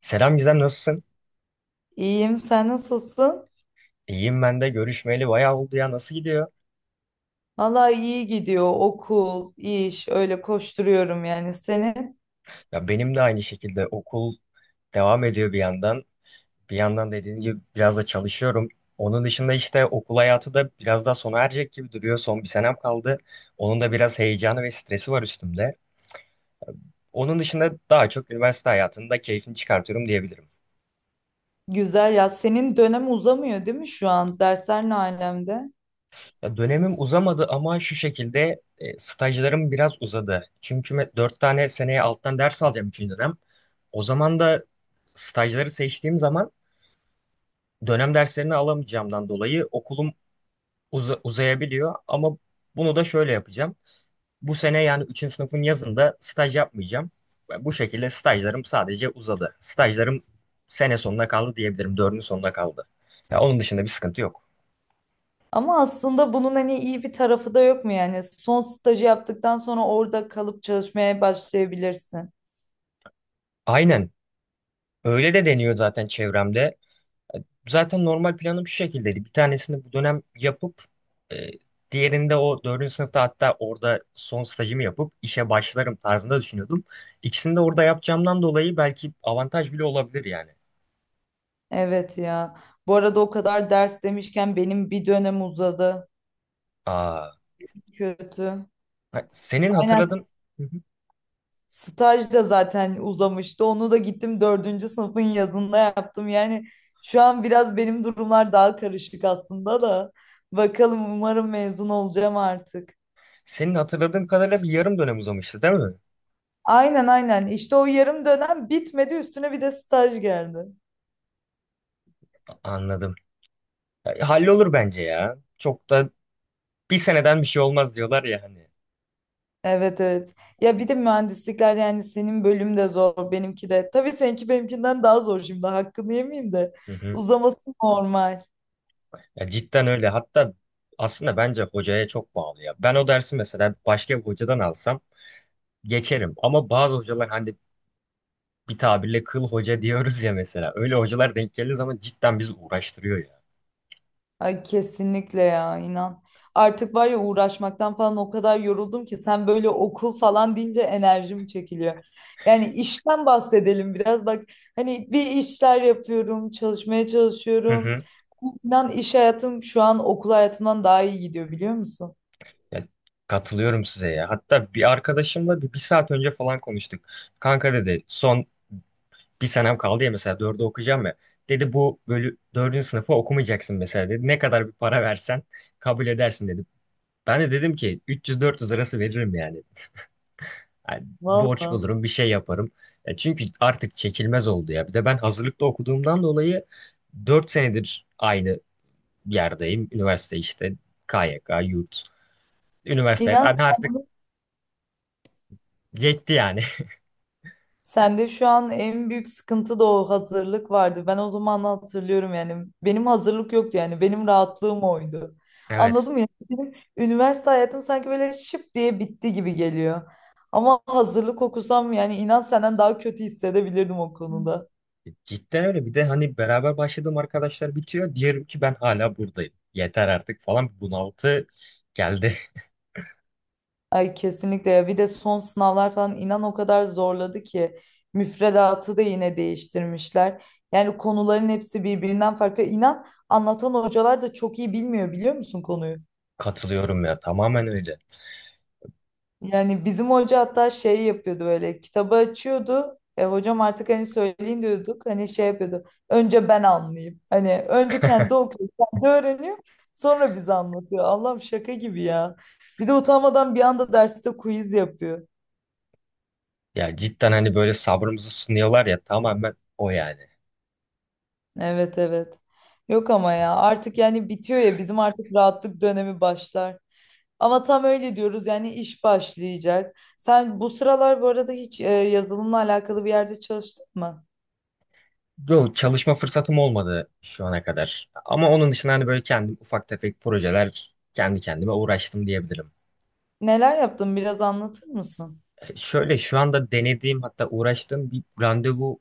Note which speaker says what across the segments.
Speaker 1: Selam Gizem, nasılsın?
Speaker 2: İyiyim, sen nasılsın?
Speaker 1: İyiyim, ben de görüşmeyeli bayağı oldu ya, nasıl gidiyor?
Speaker 2: Vallahi iyi gidiyor. Okul, iş, öyle koşturuyorum yani. Senin
Speaker 1: Ya benim de aynı şekilde okul devam ediyor bir yandan. Bir yandan dediğin gibi biraz da çalışıyorum. Onun dışında işte okul hayatı da biraz daha sona erecek gibi duruyor. Son bir senem kaldı. Onun da biraz heyecanı ve stresi var üstümde. Onun dışında daha çok üniversite hayatında keyfini çıkartıyorum diyebilirim.
Speaker 2: güzel ya. Senin dönem uzamıyor değil mi şu an? Dersler ne alemde?
Speaker 1: Ya dönemim uzamadı ama şu şekilde stajlarım biraz uzadı. Çünkü dört tane seneye alttan ders alacağım üçüncü dönem. O zaman da stajları seçtiğim zaman dönem derslerini alamayacağımdan dolayı okulum uzayabiliyor. Ama bunu da şöyle yapacağım. Bu sene yani üçüncü sınıfın yazında staj yapmayacağım. Ve bu şekilde stajlarım sadece uzadı. Stajlarım sene sonuna kaldı diyebilirim. Dördüncü sonuna kaldı. Ya onun dışında bir sıkıntı yok.
Speaker 2: Ama aslında bunun hani iyi bir tarafı da yok mu yani? Son stajı yaptıktan sonra orada kalıp çalışmaya başlayabilirsin.
Speaker 1: Aynen. Öyle de deniyor zaten çevremde. Zaten normal planım şu şekildeydi. Bir tanesini bu dönem yapıp e, diğerinde o dördüncü sınıfta, hatta orada son stajımı yapıp işe başlarım tarzında düşünüyordum. İkisini de orada yapacağımdan dolayı belki avantaj bile olabilir yani.
Speaker 2: Evet ya. Bu arada o kadar ders demişken benim bir dönem uzadı.
Speaker 1: Aa,
Speaker 2: Kötü.
Speaker 1: senin
Speaker 2: Aynen.
Speaker 1: hatırladığın. Hı hı.
Speaker 2: Staj da zaten uzamıştı. Onu da gittim dördüncü sınıfın yazında yaptım. Yani şu an biraz benim durumlar daha karışık aslında da. Bakalım umarım mezun olacağım artık.
Speaker 1: Senin hatırladığım kadarıyla bir yarım dönem uzamıştı değil mi?
Speaker 2: Aynen aynen. İşte o yarım dönem bitmedi. Üstüne bir de staj geldi.
Speaker 1: Anladım. Hallolur bence ya. Çok da bir seneden bir şey olmaz diyorlar ya hani.
Speaker 2: Evet evet. Ya bir de mühendislikler yani senin bölüm de zor, benimki de. Tabii seninki benimkinden daha zor şimdi. Hakkını yemeyeyim de.
Speaker 1: Hı hı.
Speaker 2: Uzaması normal.
Speaker 1: Ya cidden öyle. Hatta aslında bence hocaya çok bağlı ya. Ben o dersi mesela başka bir hocadan alsam geçerim. Ama bazı hocalar hani bir tabirle kıl hoca diyoruz ya mesela. Öyle hocalar denk geldiği zaman cidden bizi uğraştırıyor ya.
Speaker 2: Ay kesinlikle ya inan. Artık var ya uğraşmaktan falan o kadar yoruldum ki sen böyle okul falan deyince enerjim çekiliyor. Yani işten bahsedelim biraz bak hani bir işler yapıyorum, çalışmaya
Speaker 1: Hı
Speaker 2: çalışıyorum.
Speaker 1: hı.
Speaker 2: İnan iş hayatım şu an okul hayatımdan daha iyi gidiyor biliyor musun?
Speaker 1: Ya, katılıyorum size ya. Hatta bir arkadaşımla bir saat önce falan konuştuk. Kanka dedi, son bir senem kaldı ya mesela, dördü okuyacağım ya. Dedi bu bölü dördüncü sınıfı okumayacaksın mesela dedi. Ne kadar bir para versen kabul edersin dedi. Ben de dedim ki 300-400 arası veririm yani. Yani borç
Speaker 2: Vallahi.
Speaker 1: bulurum, bir şey yaparım. Ya çünkü artık çekilmez oldu ya. Bir de ben hazırlıkta okuduğumdan dolayı 4 senedir aynı yerdeyim. Üniversite, işte KYK, yurt, üniversite.
Speaker 2: İnan
Speaker 1: Hani artık
Speaker 2: sen
Speaker 1: yetti yani.
Speaker 2: sende şu an en büyük sıkıntı da o hazırlık vardı. Ben o zaman hatırlıyorum yani. Benim hazırlık yoktu yani. Benim rahatlığım oydu.
Speaker 1: Evet.
Speaker 2: Anladın mı? Yani benim üniversite hayatım sanki böyle şıp diye bitti gibi geliyor. Ama hazırlık okusam yani inan senden daha kötü hissedebilirdim o konuda.
Speaker 1: Cidden öyle. Bir de hani beraber başladığım arkadaşlar bitiyor. Diyelim ki ben hala buradayım. Yeter artık falan. Bir bunaltı geldi.
Speaker 2: Ay kesinlikle ya. Bir de son sınavlar falan inan o kadar zorladı ki. Müfredatı da yine değiştirmişler. Yani konuların hepsi birbirinden farklı. İnan anlatan hocalar da çok iyi bilmiyor biliyor musun konuyu?
Speaker 1: Katılıyorum ya. Tamamen öyle.
Speaker 2: Yani bizim hoca hatta şey yapıyordu böyle kitabı açıyordu. Hocam artık hani söyleyin diyorduk. Hani şey yapıyordu. Önce ben anlayayım. Hani önce kendi okuyor, kendi öğreniyor. Sonra bize anlatıyor. Allah'ım şaka gibi ya. Bir de utanmadan bir anda derste quiz yapıyor.
Speaker 1: Ya cidden hani böyle sabrımızı sınıyorlar ya. Tamamen o yani.
Speaker 2: Evet evet. Yok ama ya artık yani bitiyor ya bizim artık rahatlık dönemi başlar. Ama tam öyle diyoruz yani iş başlayacak. Sen bu sıralar bu arada hiç yazılımla alakalı bir yerde çalıştın mı?
Speaker 1: Yok, çalışma fırsatım olmadı şu ana kadar. Ama onun dışında hani böyle kendim ufak tefek projeler, kendi kendime uğraştım diyebilirim.
Speaker 2: Neler yaptın biraz anlatır mısın?
Speaker 1: Şöyle, şu anda denediğim, hatta uğraştığım bir randevu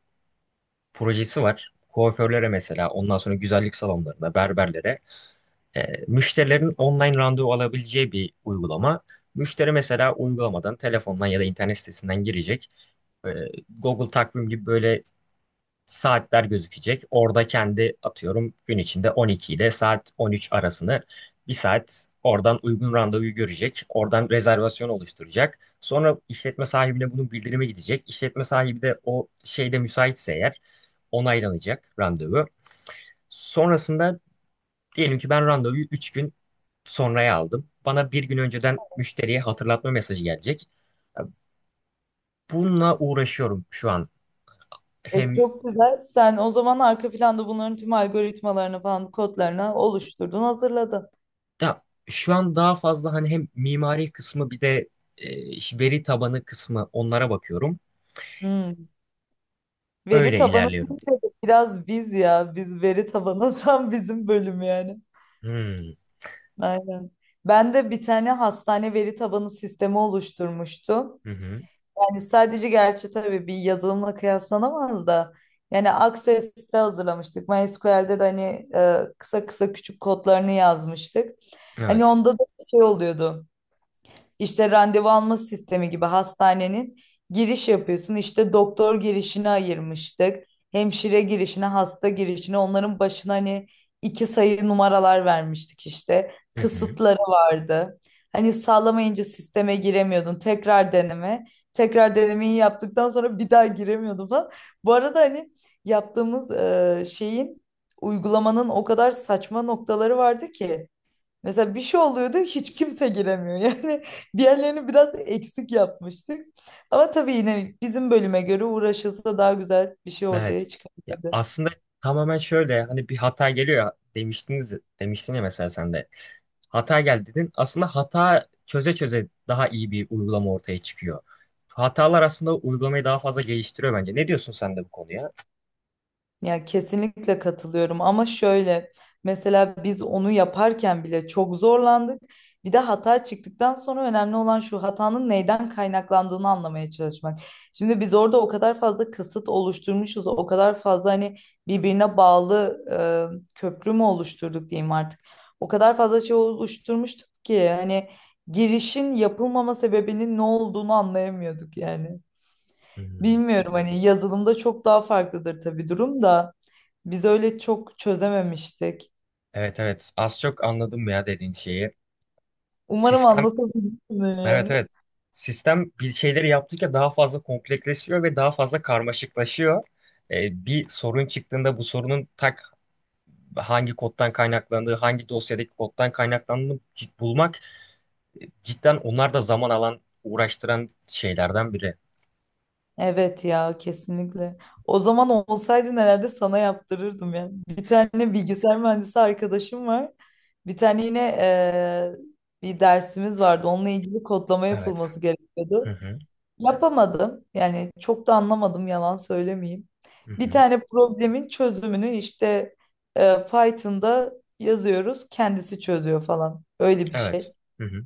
Speaker 1: projesi var. Kuaförlere mesela, ondan sonra güzellik salonlarına, berberlere, e, müşterilerin online randevu alabileceği bir uygulama. Müşteri mesela uygulamadan, telefondan ya da internet sitesinden girecek. E, Google takvim gibi böyle saatler gözükecek. Orada kendi atıyorum, gün içinde 12 ile saat 13 arasını bir saat, oradan uygun randevuyu görecek. Oradan rezervasyon oluşturacak. Sonra işletme sahibine bunun bildirimi gidecek. İşletme sahibi de o şeyde müsaitse eğer onaylanacak randevu. Sonrasında diyelim ki ben randevuyu 3 gün sonraya aldım. Bana bir gün önceden, müşteriye hatırlatma mesajı gelecek. Bununla uğraşıyorum şu an.
Speaker 2: E,
Speaker 1: Hem.
Speaker 2: çok güzel. Sen o zaman arka planda bunların tüm algoritmalarını falan kodlarını oluşturdun, hazırladın.
Speaker 1: Ya şu an daha fazla hani hem mimari kısmı, bir de veri tabanı kısmı, onlara bakıyorum.
Speaker 2: Hmm. Veri
Speaker 1: Öyle
Speaker 2: tabanı
Speaker 1: ilerliyorum.
Speaker 2: deyince de biraz biz ya. Biz veri tabanı tam bizim bölüm yani.
Speaker 1: Hmm.
Speaker 2: Aynen. Ben de bir tane hastane veri tabanı sistemi oluşturmuştum.
Speaker 1: Hı hı.
Speaker 2: Yani sadece gerçi tabii bir yazılımla kıyaslanamaz da yani Access'te hazırlamıştık. MySQL'de de hani kısa kısa küçük kodlarını yazmıştık. Hani
Speaker 1: Evet.
Speaker 2: onda da şey oluyordu işte randevu alma sistemi gibi hastanenin giriş yapıyorsun. İşte doktor girişini ayırmıştık. Hemşire girişine, hasta girişine onların başına hani iki sayı numaralar vermiştik işte.
Speaker 1: Hı hı.
Speaker 2: Kısıtları vardı. Hani sağlamayınca sisteme giremiyordun. Tekrar deneme. Tekrar denemeyi yaptıktan sonra bir daha giremiyordun falan. Bu arada hani yaptığımız şeyin uygulamanın o kadar saçma noktaları vardı ki. Mesela bir şey oluyordu hiç kimse giremiyor. Yani bir yerlerini biraz eksik yapmıştık. Ama tabii yine bizim bölüme göre uğraşılsa daha güzel bir şey ortaya
Speaker 1: Evet. Ya
Speaker 2: çıkabilirdi.
Speaker 1: aslında tamamen şöyle, hani bir hata geliyor ya demiştiniz, demiştin ya mesela sen de. Hata geldi dedin. Aslında hata çöze çöze daha iyi bir uygulama ortaya çıkıyor. Hatalar aslında uygulamayı daha fazla geliştiriyor bence. Ne diyorsun sen de bu konuya?
Speaker 2: Ya kesinlikle katılıyorum ama şöyle mesela biz onu yaparken bile çok zorlandık. Bir de hata çıktıktan sonra önemli olan şu hatanın neyden kaynaklandığını anlamaya çalışmak. Şimdi biz orada o kadar fazla kısıt oluşturmuşuz, o kadar fazla hani birbirine bağlı köprü mü oluşturduk diyeyim artık. O kadar fazla şey oluşturmuştuk ki hani girişin yapılmama sebebinin ne olduğunu anlayamıyorduk yani.
Speaker 1: Hmm.
Speaker 2: Bilmiyorum hani yazılımda çok daha farklıdır tabii durum da. Biz öyle çok çözememiştik.
Speaker 1: Evet evet, az çok anladım ya dediğin şeyi.
Speaker 2: Umarım
Speaker 1: Sistem.
Speaker 2: anlatabilmişimdir
Speaker 1: Evet
Speaker 2: yani.
Speaker 1: evet. Sistem bir şeyleri yaptıkça daha fazla kompleksleşiyor ve daha fazla karmaşıklaşıyor. Bir sorun çıktığında bu sorunun tak hangi koddan kaynaklandığı, hangi dosyadaki koddan kaynaklandığını bulmak, cidden onlar da zaman alan, uğraştıran şeylerden biri.
Speaker 2: Evet ya kesinlikle. O zaman olsaydın herhalde sana yaptırırdım yani. Bir tane bilgisayar mühendisi arkadaşım var. Bir tane yine bir dersimiz vardı. Onunla ilgili kodlama
Speaker 1: Evet.
Speaker 2: yapılması
Speaker 1: Hı
Speaker 2: gerekiyordu.
Speaker 1: hı.
Speaker 2: Yapamadım. Yani çok da anlamadım yalan söylemeyeyim.
Speaker 1: Hı
Speaker 2: Bir
Speaker 1: hı.
Speaker 2: tane problemin çözümünü işte Python'da yazıyoruz. Kendisi çözüyor falan. Öyle bir
Speaker 1: Evet.
Speaker 2: şey.
Speaker 1: Hı hı.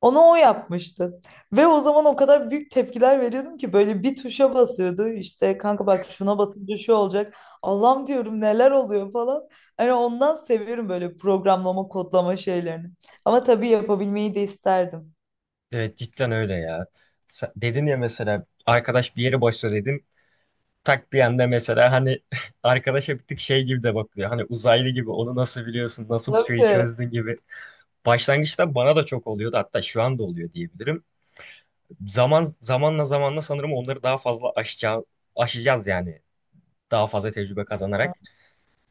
Speaker 2: Onu o yapmıştı. Ve o zaman o kadar büyük tepkiler veriyordum ki böyle bir tuşa basıyordu. İşte kanka bak şuna basınca şu olacak. Allah'ım diyorum neler oluyor falan. Hani ondan seviyorum böyle programlama, kodlama şeylerini. Ama tabii yapabilmeyi de isterdim.
Speaker 1: Evet, cidden öyle ya. Dedin ya mesela, arkadaş bir yere başla dedin. Tak bir anda mesela hani arkadaş bir tık şey gibi de bakıyor. Hani uzaylı gibi, onu nasıl biliyorsun, nasıl bu şeyi
Speaker 2: Tabii.
Speaker 1: çözdün gibi. Başlangıçta bana da çok oluyordu, hatta şu anda oluyor diyebilirim. Zaman zamanla zamanla sanırım onları daha fazla aşacağız, aşacağız yani, daha fazla tecrübe kazanarak.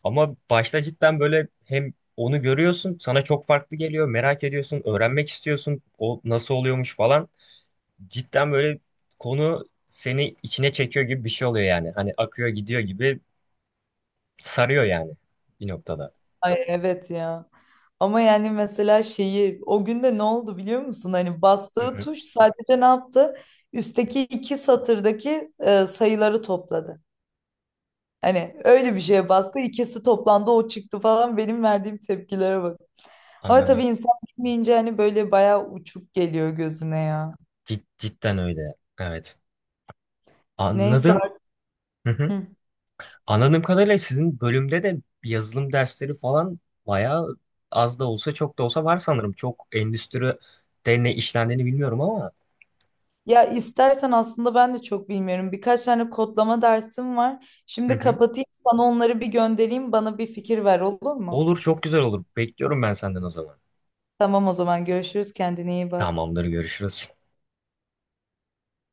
Speaker 1: Ama başta cidden böyle hem onu görüyorsun, sana çok farklı geliyor, merak ediyorsun, öğrenmek istiyorsun, o nasıl oluyormuş falan. Cidden böyle konu seni içine çekiyor gibi bir şey oluyor yani. Hani akıyor gidiyor gibi. Sarıyor yani bir noktada.
Speaker 2: Ay evet ya. Ama yani mesela şeyi o günde ne oldu biliyor musun? Hani
Speaker 1: Hı
Speaker 2: bastığı
Speaker 1: hı.
Speaker 2: tuş sadece ne yaptı? Üstteki iki satırdaki sayıları topladı. Hani öyle bir şeye bastı. İkisi toplandı o çıktı falan. Benim verdiğim tepkilere bak. Ama tabii
Speaker 1: Anladım.
Speaker 2: insan bilmeyince hani böyle bayağı uçuk geliyor gözüne ya.
Speaker 1: Cidden öyle. Evet.
Speaker 2: Neyse
Speaker 1: Anladım.
Speaker 2: artık.
Speaker 1: Hı hı.
Speaker 2: Hı.
Speaker 1: Anladığım kadarıyla sizin bölümde de yazılım dersleri falan bayağı, az da olsa çok da olsa var sanırım. Çok endüstride ne işlendiğini bilmiyorum ama.
Speaker 2: Ya istersen aslında ben de çok bilmiyorum. Birkaç tane kodlama dersim var.
Speaker 1: Hı
Speaker 2: Şimdi
Speaker 1: hı.
Speaker 2: kapatayım sana onları bir göndereyim. Bana bir fikir ver olur mu?
Speaker 1: Olur, çok güzel olur. Bekliyorum ben senden o zaman.
Speaker 2: Tamam o zaman görüşürüz. Kendine iyi bak.
Speaker 1: Tamamdır, görüşürüz.